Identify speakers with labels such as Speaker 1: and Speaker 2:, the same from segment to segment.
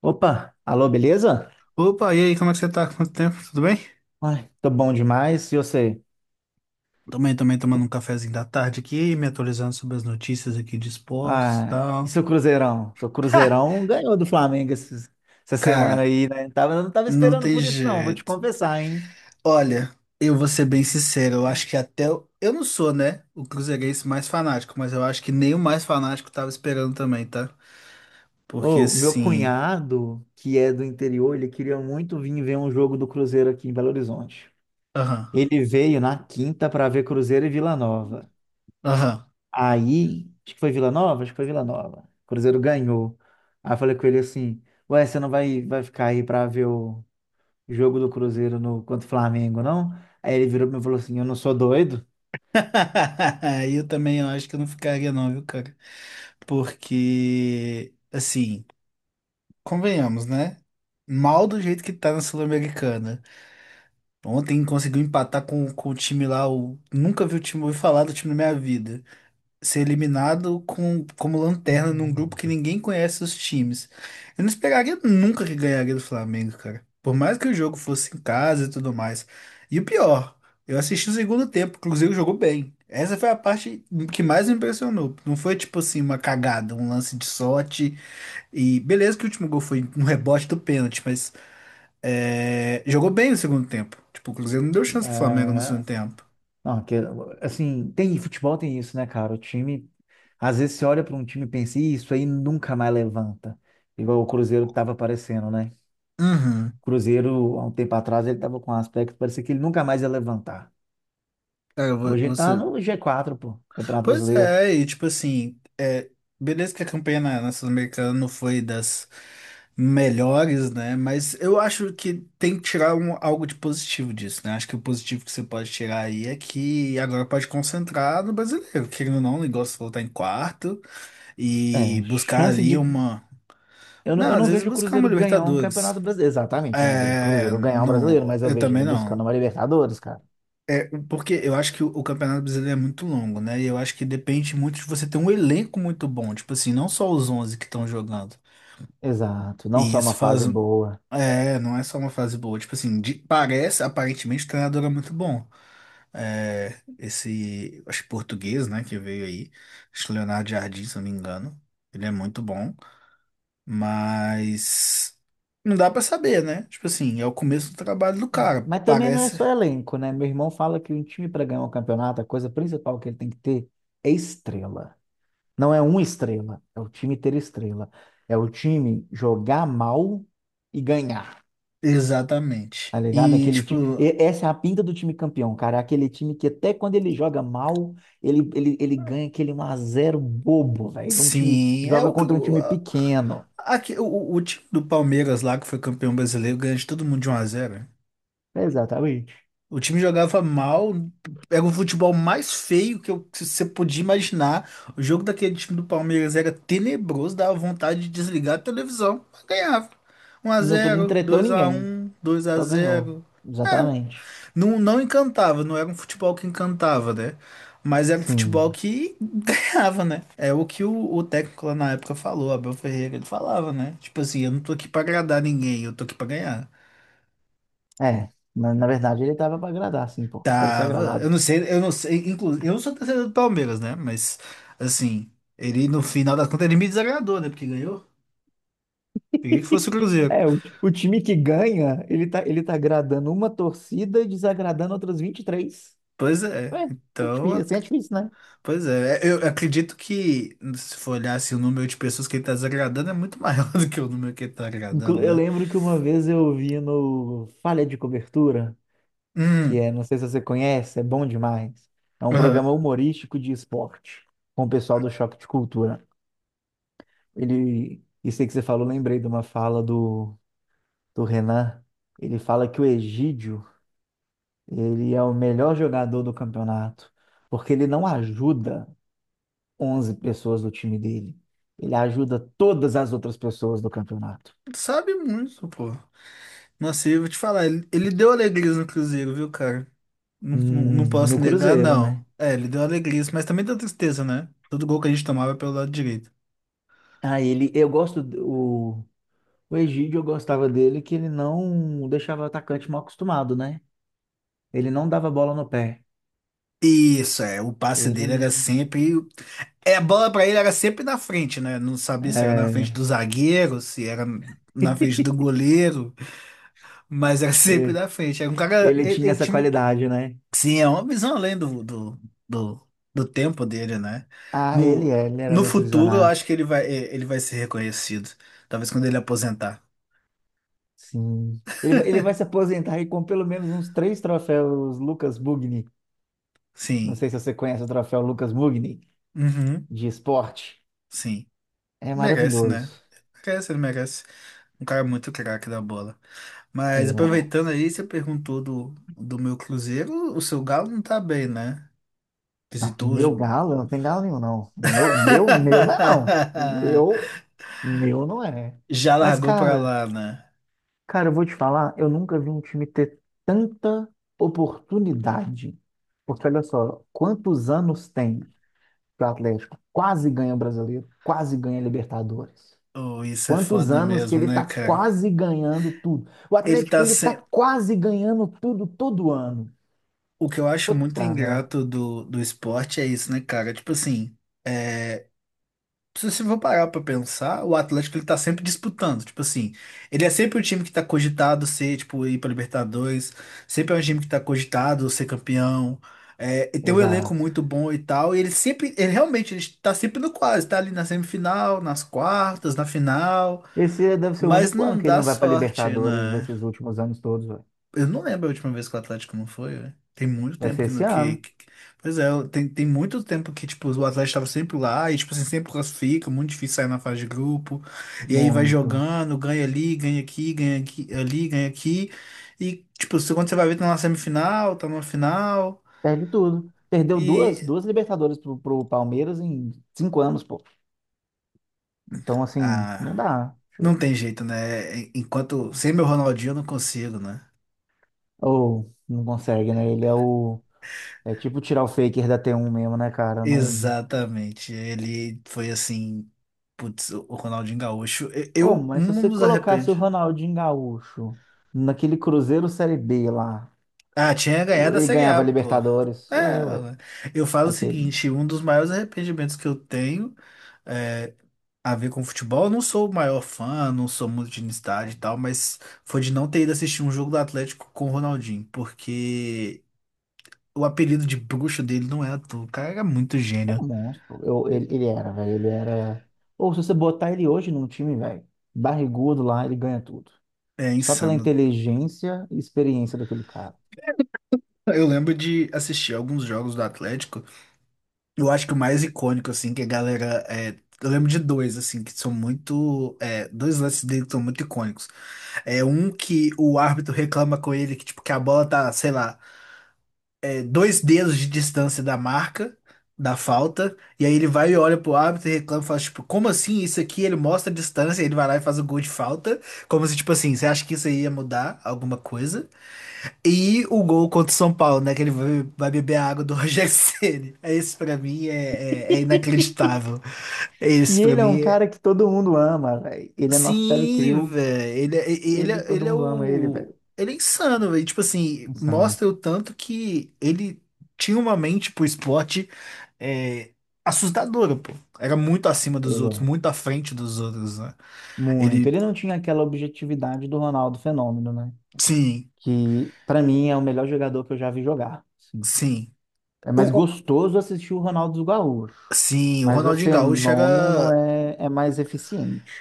Speaker 1: Opa, alô, beleza?
Speaker 2: Opa, e aí, como é que você tá? Quanto tempo? Tudo bem?
Speaker 1: Ai, tô bom demais. E você?
Speaker 2: Também, tomando um cafezinho da tarde aqui, me atualizando sobre as notícias aqui de esportes e
Speaker 1: Ah, e
Speaker 2: tal.
Speaker 1: seu Cruzeirão? Seu
Speaker 2: Ha!
Speaker 1: Cruzeirão ganhou do Flamengo essa semana
Speaker 2: Cara,
Speaker 1: aí, né? Eu não tava
Speaker 2: não
Speaker 1: esperando
Speaker 2: tem
Speaker 1: por isso, não, vou te
Speaker 2: jeito.
Speaker 1: confessar, hein?
Speaker 2: Olha, eu vou ser bem sincero, eu acho que eu não sou, né, o cruzeirense mais fanático, mas eu acho que nem o mais fanático tava esperando também, tá? Porque
Speaker 1: Ô, meu
Speaker 2: assim.
Speaker 1: cunhado, que é do interior, ele queria muito vir ver um jogo do Cruzeiro aqui em Belo Horizonte.
Speaker 2: Aham,
Speaker 1: Ele veio na quinta pra ver Cruzeiro e Vila Nova.
Speaker 2: aham.
Speaker 1: Aí, acho que foi Vila Nova? Acho que foi Vila Nova. O Cruzeiro ganhou. Aí eu falei com ele assim: Ué, você não vai ficar aí pra ver o jogo do Cruzeiro contra o Flamengo, não? Aí ele virou pra mim e falou assim: Eu não sou doido.
Speaker 2: Eu também, eu acho que eu não ficaria, não, viu, cara? Porque, assim. Convenhamos, né? Mal do jeito que tá na Sul-Americana. Ontem conseguiu empatar com o time lá, nunca vi o time, ouvi falar do time na minha vida. Ser eliminado como lanterna num grupo que ninguém conhece os times. Eu não esperaria nunca que ganharia do Flamengo, cara. Por mais que o jogo fosse em casa e tudo mais. E o pior, eu assisti o segundo tempo, o Cruzeiro jogou bem. Essa foi a parte que mais me impressionou. Não foi tipo assim uma cagada, um lance de sorte, e beleza que o último gol foi um rebote do pênalti, mas jogou bem no segundo tempo. Tipo, o Cruzeiro não deu chance pro Flamengo no segundo
Speaker 1: É,
Speaker 2: tempo.
Speaker 1: não, que, assim, tem futebol, tem isso, né, cara? O time, às vezes você olha para um time e pensa, "Ih, isso aí nunca mais levanta." Igual o Cruzeiro tava aparecendo, né?
Speaker 2: Uhum.
Speaker 1: O Cruzeiro, há um tempo atrás, ele tava com um aspecto, que parecia que ele nunca mais ia levantar.
Speaker 2: Cara,
Speaker 1: Hoje ele tá
Speaker 2: você.
Speaker 1: no G4 pô, Campeonato
Speaker 2: Pois
Speaker 1: Brasileiro.
Speaker 2: é, e tipo assim, beleza que a campanha na Sul-Americana não foi das melhores, né? Mas eu acho que tem que tirar algo de positivo disso, né? Acho que o positivo que você pode tirar aí é que agora pode concentrar no brasileiro, querendo ou não, o negócio voltar em quarto, e
Speaker 1: É,
Speaker 2: buscar
Speaker 1: chance
Speaker 2: ali
Speaker 1: de.
Speaker 2: uma.
Speaker 1: Eu não,
Speaker 2: Não,
Speaker 1: eu
Speaker 2: às
Speaker 1: não
Speaker 2: vezes
Speaker 1: vejo o
Speaker 2: buscar uma
Speaker 1: Cruzeiro ganhar um
Speaker 2: Libertadores.
Speaker 1: campeonato brasileiro. Exatamente, eu não vejo o
Speaker 2: É,
Speaker 1: Cruzeiro ganhar um brasileiro,
Speaker 2: não,
Speaker 1: mas eu
Speaker 2: eu
Speaker 1: vejo
Speaker 2: também
Speaker 1: ele buscando
Speaker 2: não.
Speaker 1: uma Libertadores, cara.
Speaker 2: É, porque eu acho que o Campeonato Brasileiro é muito longo, né? E eu acho que depende muito de você ter um elenco muito bom. Tipo assim, não só os 11 que estão jogando.
Speaker 1: Exato, não
Speaker 2: E
Speaker 1: só uma
Speaker 2: isso faz.
Speaker 1: fase boa.
Speaker 2: É, não é só uma fase boa. Tipo assim, parece, aparentemente, o treinador é muito bom. É, esse, acho que português, né, que veio aí. Acho que Leonardo Jardim, se eu não me engano. Ele é muito bom. Mas não dá pra saber, né? Tipo assim, é o começo do trabalho do
Speaker 1: É.
Speaker 2: cara,
Speaker 1: Mas também não é
Speaker 2: parece
Speaker 1: só elenco, né? Meu irmão fala que um time para ganhar um campeonato, a coisa principal que ele tem que ter é estrela. Não é uma estrela, é o time ter estrela. É o time jogar mal e ganhar.
Speaker 2: exatamente.
Speaker 1: Tá ligado?
Speaker 2: E
Speaker 1: Aquele time.
Speaker 2: tipo,
Speaker 1: Essa é a pinta do time campeão, cara. É aquele time que até quando ele joga mal, ele ganha aquele um a zero bobo, velho. De Um time
Speaker 2: sim, é
Speaker 1: joga
Speaker 2: o que
Speaker 1: contra um time pequeno.
Speaker 2: aqui, o time do Palmeiras lá que foi campeão brasileiro ganha de todo mundo de 1 a zero.
Speaker 1: Exatamente.
Speaker 2: O time jogava mal, era o futebol mais feio que que você podia imaginar. O jogo daquele time do Palmeiras era tenebroso, dava vontade de desligar a televisão, mas ganhava um a
Speaker 1: Não, não
Speaker 2: zero,
Speaker 1: entreteu
Speaker 2: dois a
Speaker 1: ninguém.
Speaker 2: um, 2 a
Speaker 1: Só ganhou.
Speaker 2: zero. É,
Speaker 1: Exatamente.
Speaker 2: não, não encantava, não era um futebol que encantava, né? Mas era um futebol
Speaker 1: Sim.
Speaker 2: que ganhava, né? É o que o técnico lá na época falou, Abel Ferreira, ele falava, né? Tipo assim, eu não tô aqui pra agradar ninguém, eu tô aqui pra ganhar.
Speaker 1: É. Na verdade, ele tava pra agradar, sim, pô. Quero ser
Speaker 2: Tava,
Speaker 1: agradado.
Speaker 2: eu não sei, inclusive, eu não sou torcedor do Palmeiras, né? Mas, assim, ele no final das contas ele me desagradou, né? Porque ganhou. Queria que fosse o Cruzeiro.
Speaker 1: É, o time que ganha, ele tá agradando uma torcida e desagradando outras 23.
Speaker 2: Pois é,
Speaker 1: É, é
Speaker 2: então.
Speaker 1: difícil, assim é difícil.
Speaker 2: Pois é, eu acredito que se for olhar assim, o número de pessoas que ele tá desagradando é muito maior do que o número que ele tá agradando,
Speaker 1: Eu
Speaker 2: né?
Speaker 1: lembro que uma vez eu vi no Falha de Cobertura, que
Speaker 2: Hum,
Speaker 1: é, não sei se você conhece, é bom demais. É um
Speaker 2: aham.
Speaker 1: programa humorístico de esporte, com o pessoal do Choque de Cultura. Ele, isso aí que você falou, lembrei de uma fala do Renan. Ele fala que o Egídio, ele é o melhor jogador do campeonato, porque ele não ajuda 11 pessoas do time dele. Ele ajuda todas as outras pessoas do campeonato.
Speaker 2: Sabe muito, pô. Nossa, e eu vou te falar, ele deu alegrias no Cruzeiro, viu, cara? Não, não, não
Speaker 1: No
Speaker 2: posso negar,
Speaker 1: Cruzeiro,
Speaker 2: não.
Speaker 1: né?
Speaker 2: É, ele deu alegrias, mas também deu tristeza, né? Todo gol que a gente tomava é pelo lado direito.
Speaker 1: Ah, ele, eu gosto, o Egídio, eu gostava dele que ele não deixava o atacante mal acostumado, né? Ele não dava bola no pé.
Speaker 2: Isso, é, o passe
Speaker 1: Ele,
Speaker 2: dele era sempre. É, a bola pra ele era sempre na frente, né? Não sabia se era na frente
Speaker 1: é,
Speaker 2: do zagueiro, se era na frente do goleiro. Mas era sempre
Speaker 1: é,
Speaker 2: da frente. Era um cara.
Speaker 1: ele
Speaker 2: Ele,
Speaker 1: tinha
Speaker 2: ele
Speaker 1: essa
Speaker 2: tinha.
Speaker 1: qualidade, né?
Speaker 2: Sim, é uma visão além do, do tempo dele, né?
Speaker 1: Ah, ele
Speaker 2: No,
Speaker 1: é, ele era
Speaker 2: no
Speaker 1: muito
Speaker 2: futuro, eu
Speaker 1: visionário.
Speaker 2: acho que ele vai, ele vai ser reconhecido. Talvez quando ele aposentar.
Speaker 1: Sim. Ele vai se aposentar aí com pelo menos uns três troféus Lucas Mugni. Não
Speaker 2: Sim.
Speaker 1: sei se você conhece o troféu Lucas Mugni
Speaker 2: Uhum.
Speaker 1: de esporte.
Speaker 2: Sim.
Speaker 1: É
Speaker 2: Merece,
Speaker 1: maravilhoso.
Speaker 2: né? Merece, ele merece. Um cara muito craque da bola. Mas
Speaker 1: Ele
Speaker 2: aproveitando
Speaker 1: merece.
Speaker 2: aí, você perguntou do meu Cruzeiro. O seu Galo não tá bem, né?
Speaker 1: Não,
Speaker 2: Visitou o
Speaker 1: meu
Speaker 2: Ju-.
Speaker 1: galo? Não tem galo nenhum, não. Meu não é, não. Meu não é.
Speaker 2: Já
Speaker 1: Mas,
Speaker 2: largou pra
Speaker 1: cara,
Speaker 2: lá, né?
Speaker 1: cara, eu vou te falar, eu nunca vi um time ter tanta oportunidade. Porque, olha só, quantos anos tem que o Atlético quase ganha o Brasileiro, quase ganha a Libertadores?
Speaker 2: Oh, isso é
Speaker 1: Quantos
Speaker 2: foda
Speaker 1: anos que
Speaker 2: mesmo,
Speaker 1: ele
Speaker 2: né,
Speaker 1: tá
Speaker 2: cara?
Speaker 1: quase ganhando tudo? O
Speaker 2: Ele
Speaker 1: Atlético,
Speaker 2: tá
Speaker 1: ele tá
Speaker 2: sem...
Speaker 1: quase ganhando tudo todo ano.
Speaker 2: O que eu acho muito
Speaker 1: Puta, né?
Speaker 2: ingrato do esporte é isso, né, cara? Tipo assim, é... se você for parar pra pensar, o Atlético ele tá sempre disputando. Tipo assim, ele é sempre o time que tá cogitado ser, tipo, ir pra Libertadores, sempre é um time que tá cogitado ser campeão. E tem um elenco
Speaker 1: Exato.
Speaker 2: muito bom e tal. E ele sempre, ele realmente, ele tá sempre no quase, tá ali na semifinal, nas quartas, na final.
Speaker 1: Esse deve ser o
Speaker 2: Mas
Speaker 1: único ano
Speaker 2: não
Speaker 1: que ele não
Speaker 2: dá
Speaker 1: vai para
Speaker 2: sorte,
Speaker 1: Libertadores
Speaker 2: né?
Speaker 1: desses últimos anos todos, velho.
Speaker 2: Eu não lembro a última vez que o Atlético não foi, né? Tem muito
Speaker 1: Vai
Speaker 2: tempo
Speaker 1: ser
Speaker 2: que,
Speaker 1: esse
Speaker 2: que,
Speaker 1: ano.
Speaker 2: que... Pois é, tem muito tempo que, tipo, o Atlético tava sempre lá e, tipo, assim, sempre classifica, muito difícil sair na fase de grupo. E aí vai
Speaker 1: Muito.
Speaker 2: jogando, ganha ali, ganha aqui, ali, ganha aqui. E, tipo, quando você vai ver, tá na semifinal, tá numa final.
Speaker 1: Perde tudo. Perdeu duas,
Speaker 2: E...
Speaker 1: duas Libertadores pro Palmeiras em 5 anos, pô. Então, assim,
Speaker 2: Ah,
Speaker 1: não dá. Deixa.
Speaker 2: não tem jeito, né? Enquanto... Sem meu Ronaldinho eu não consigo, né?
Speaker 1: Ou não consegue, né? Ele é o. É tipo tirar o Faker da T1 mesmo, né, cara? Não.
Speaker 2: Exatamente. Ele foi assim. Putz, o Ronaldinho Gaúcho.
Speaker 1: Ô,
Speaker 2: Eu
Speaker 1: mas se
Speaker 2: não
Speaker 1: você
Speaker 2: nos
Speaker 1: colocasse o
Speaker 2: arrepende.
Speaker 1: Ronaldinho Gaúcho naquele Cruzeiro Série B lá,
Speaker 2: Ah, tinha ganhado a
Speaker 1: ele
Speaker 2: Série A,
Speaker 1: ganhava
Speaker 2: pô.
Speaker 1: Libertadores.
Speaker 2: É,
Speaker 1: É, ué.
Speaker 2: eu falo o
Speaker 1: Aquele.
Speaker 2: seguinte: um dos maiores arrependimentos que eu tenho, é a ver com futebol. Eu não sou o maior fã, não sou muito de ir no estádio e tal, mas foi de não ter ido assistir um jogo do Atlético com o Ronaldinho, porque o apelido de bruxo dele não é à toa. O cara era muito
Speaker 1: Era
Speaker 2: gênio.
Speaker 1: um monstro. Eu,
Speaker 2: É
Speaker 1: ele era, velho. Ele era. Ou se você botar ele hoje num time, velho, barrigudo lá, ele ganha tudo.
Speaker 2: é
Speaker 1: Só pela
Speaker 2: insano.
Speaker 1: inteligência e experiência daquele cara.
Speaker 2: Eu lembro de assistir alguns jogos do Atlético. Eu acho que o mais icônico, assim, que a galera. Eu lembro de dois, assim, que são muito, dois lances dele que são muito icônicos. É um que o árbitro reclama com ele que, tipo, que a bola tá, sei lá, dois dedos de distância da marca, da falta. E aí ele vai e olha pro árbitro e reclama e fala, tipo, como assim isso aqui? Ele mostra a distância, ele vai lá e faz o gol de falta. Como se, tipo assim, você acha que isso aí ia mudar alguma coisa? E o gol contra o São Paulo, né? Que ele vai beber a água do Rogério Ceni. Esse pra mim é, inacreditável. Esse
Speaker 1: E
Speaker 2: pra
Speaker 1: ele é um
Speaker 2: mim é...
Speaker 1: cara que todo mundo ama, velho. Ele é nosso Terry
Speaker 2: Sim,
Speaker 1: Crew.
Speaker 2: velho. Ele, é- ele,
Speaker 1: Ele,
Speaker 2: é-
Speaker 1: todo
Speaker 2: ele é
Speaker 1: mundo ama ele,
Speaker 2: o...
Speaker 1: velho.
Speaker 2: Ele é insano, velho. Tipo assim,
Speaker 1: Nossa, ama.
Speaker 2: mostra o tanto que ele tinha uma mente pro esporte, é, assustadora, pô. Era muito acima
Speaker 1: Ele
Speaker 2: dos outros,
Speaker 1: é
Speaker 2: muito à frente dos outros, né?
Speaker 1: muito.
Speaker 2: Ele...
Speaker 1: Ele não tinha aquela objetividade do Ronaldo Fenômeno, né?
Speaker 2: Sim,
Speaker 1: Que, pra mim, é o melhor jogador que eu já vi jogar, assim.
Speaker 2: sim.
Speaker 1: É
Speaker 2: O,
Speaker 1: mais
Speaker 2: o-
Speaker 1: gostoso assistir o Ronaldo Gaúcho,
Speaker 2: sim, o
Speaker 1: mas o
Speaker 2: Ronaldinho Gaúcho
Speaker 1: fenômeno
Speaker 2: era...
Speaker 1: é mais eficiente.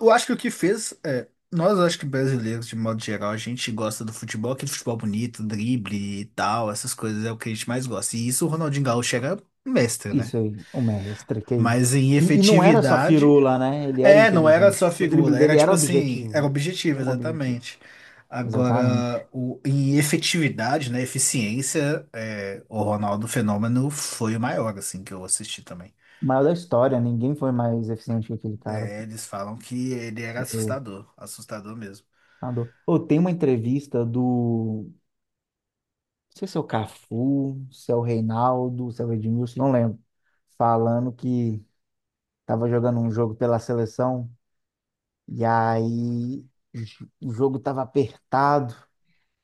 Speaker 2: Eu acho que o que fez, nós acho que brasileiros, de modo geral, a gente gosta do futebol, aquele futebol bonito, drible e tal, essas coisas é o que a gente mais gosta. E isso o Ronaldinho Gaúcho era um mestre, né?
Speaker 1: Isso aí, o mestre, que é isso.
Speaker 2: Mas em
Speaker 1: E não era só
Speaker 2: efetividade,
Speaker 1: firula, né? Ele era
Speaker 2: não era
Speaker 1: inteligente.
Speaker 2: só
Speaker 1: O drible
Speaker 2: figura, era
Speaker 1: dele
Speaker 2: tipo
Speaker 1: era
Speaker 2: assim, era
Speaker 1: objetivo.
Speaker 2: objetivo,
Speaker 1: Tinha um objetivo.
Speaker 2: exatamente.
Speaker 1: Exatamente.
Speaker 2: Agora, em efetividade, né, eficiência, o Ronaldo Fenômeno foi o maior, assim, que eu assisti também.
Speaker 1: O maior da história, ninguém foi mais eficiente que aquele cara.
Speaker 2: É, eles falam que ele era
Speaker 1: Porque
Speaker 2: assustador, assustador mesmo.
Speaker 1: nadou. Pô, tem uma entrevista do. Não sei se é o Cafu, se é o Reinaldo, se é o Edmilson, não lembro. Falando que tava jogando um jogo pela seleção. E aí o jogo tava apertado.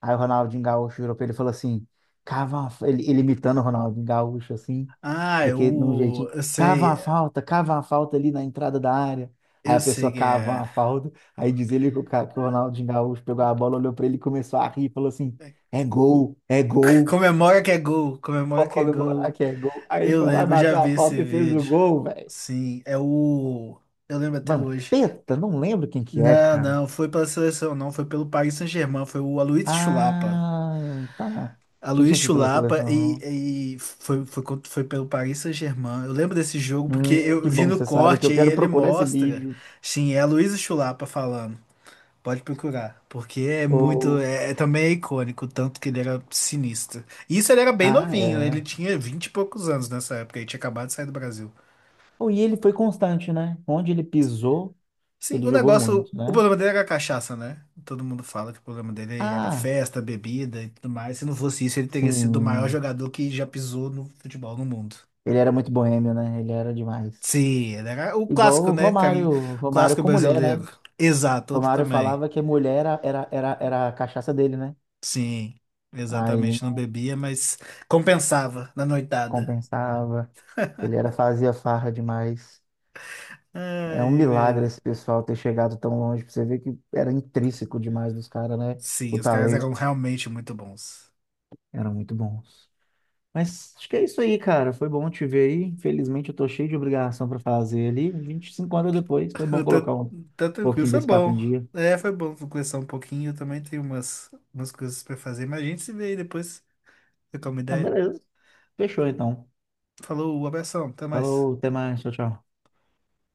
Speaker 1: Aí o Ronaldinho Gaúcho virou pra ele e falou assim: cava uma, ele imitando o Ronaldinho Gaúcho, assim,
Speaker 2: Ah,
Speaker 1: daquele, de um
Speaker 2: eu,
Speaker 1: jeitinho,
Speaker 2: eu sei,
Speaker 1: cava uma falta ali na entrada da área. Aí
Speaker 2: eu
Speaker 1: a pessoa
Speaker 2: sei que
Speaker 1: cava
Speaker 2: é.
Speaker 1: uma falta. Aí diz ele que que o Ronaldinho Gaúcho pegou a bola, olhou pra ele e começou a rir, falou assim: é gol, é gol.
Speaker 2: Comemora que é gol, comemora
Speaker 1: Pode
Speaker 2: que é
Speaker 1: comemorar
Speaker 2: gol.
Speaker 1: que é gol. Aí ele
Speaker 2: Eu
Speaker 1: foi lá,
Speaker 2: lembro, eu já
Speaker 1: bateu a
Speaker 2: vi esse
Speaker 1: falta e fez o
Speaker 2: vídeo.
Speaker 1: gol, velho.
Speaker 2: Sim, é o. Eu lembro até hoje.
Speaker 1: Vampeta? Não lembro quem que é,
Speaker 2: Não,
Speaker 1: cara.
Speaker 2: não, foi pela seleção, não, foi pelo Paris Saint-Germain, foi o Aloysius Chulapa.
Speaker 1: Ah, tá. Achei que
Speaker 2: Aloysius
Speaker 1: tinha sido pela
Speaker 2: Chulapa
Speaker 1: seleção.
Speaker 2: e foi, foi pelo Paris Saint-Germain. Eu lembro desse jogo porque eu
Speaker 1: Que
Speaker 2: vi
Speaker 1: bom que
Speaker 2: no
Speaker 1: você sabe que
Speaker 2: corte
Speaker 1: eu
Speaker 2: e
Speaker 1: quero
Speaker 2: ele
Speaker 1: procurar esse
Speaker 2: mostra.
Speaker 1: vídeo.
Speaker 2: Sim, é Aloysius Chulapa falando. Pode procurar, porque é muito,
Speaker 1: Ou.
Speaker 2: também é icônico, o tanto que ele era sinistro. E isso ele era bem
Speaker 1: Ah,
Speaker 2: novinho, ele
Speaker 1: é.
Speaker 2: tinha 20 e poucos anos nessa época, ele tinha acabado de sair do Brasil.
Speaker 1: Oh, e ele foi constante, né? Onde ele pisou,
Speaker 2: Sim,
Speaker 1: ele
Speaker 2: o
Speaker 1: jogou
Speaker 2: negócio,
Speaker 1: muito,
Speaker 2: o
Speaker 1: né?
Speaker 2: problema dele era a cachaça, né? Todo mundo fala que o problema dele era
Speaker 1: Ah,
Speaker 2: festa, bebida e tudo mais. Se não fosse isso, ele teria sido o maior
Speaker 1: sim.
Speaker 2: jogador que já pisou no futebol no mundo.
Speaker 1: Ele era muito boêmio, né? Ele era demais.
Speaker 2: Sim, ele era o
Speaker 1: Igual
Speaker 2: clássico,
Speaker 1: o
Speaker 2: né?
Speaker 1: Romário. Romário
Speaker 2: Clássico
Speaker 1: com mulher,
Speaker 2: brasileiro.
Speaker 1: né?
Speaker 2: Exato, outro
Speaker 1: Romário
Speaker 2: também.
Speaker 1: falava que mulher era a cachaça dele, né?
Speaker 2: Sim,
Speaker 1: Aí
Speaker 2: exatamente, não
Speaker 1: não
Speaker 2: bebia, mas compensava na noitada.
Speaker 1: compensava. Ele era, fazia farra demais. É um
Speaker 2: Ai, é mesmo.
Speaker 1: milagre esse pessoal ter chegado tão longe, pra você ver que era intrínseco demais dos caras, né?
Speaker 2: Sim,
Speaker 1: O
Speaker 2: os caras eram
Speaker 1: talento.
Speaker 2: realmente muito bons.
Speaker 1: Eram muito bons. Mas acho que é isso aí, cara. Foi bom te ver aí. Infelizmente eu tô cheio de obrigação pra fazer ali. A gente se encontra depois. Foi bom
Speaker 2: Eu Tá,
Speaker 1: colocar um
Speaker 2: tá, tranquilo,
Speaker 1: pouquinho
Speaker 2: foi
Speaker 1: desse papo em
Speaker 2: bom.
Speaker 1: dia.
Speaker 2: É, foi bom conversar um pouquinho. Eu também tenho umas coisas pra fazer, mas a gente se vê aí depois, trocar uma
Speaker 1: Não,
Speaker 2: ideia.
Speaker 1: beleza. Fechou então.
Speaker 2: Falou, abração, até mais.
Speaker 1: Falou, até mais. Tchau, tchau.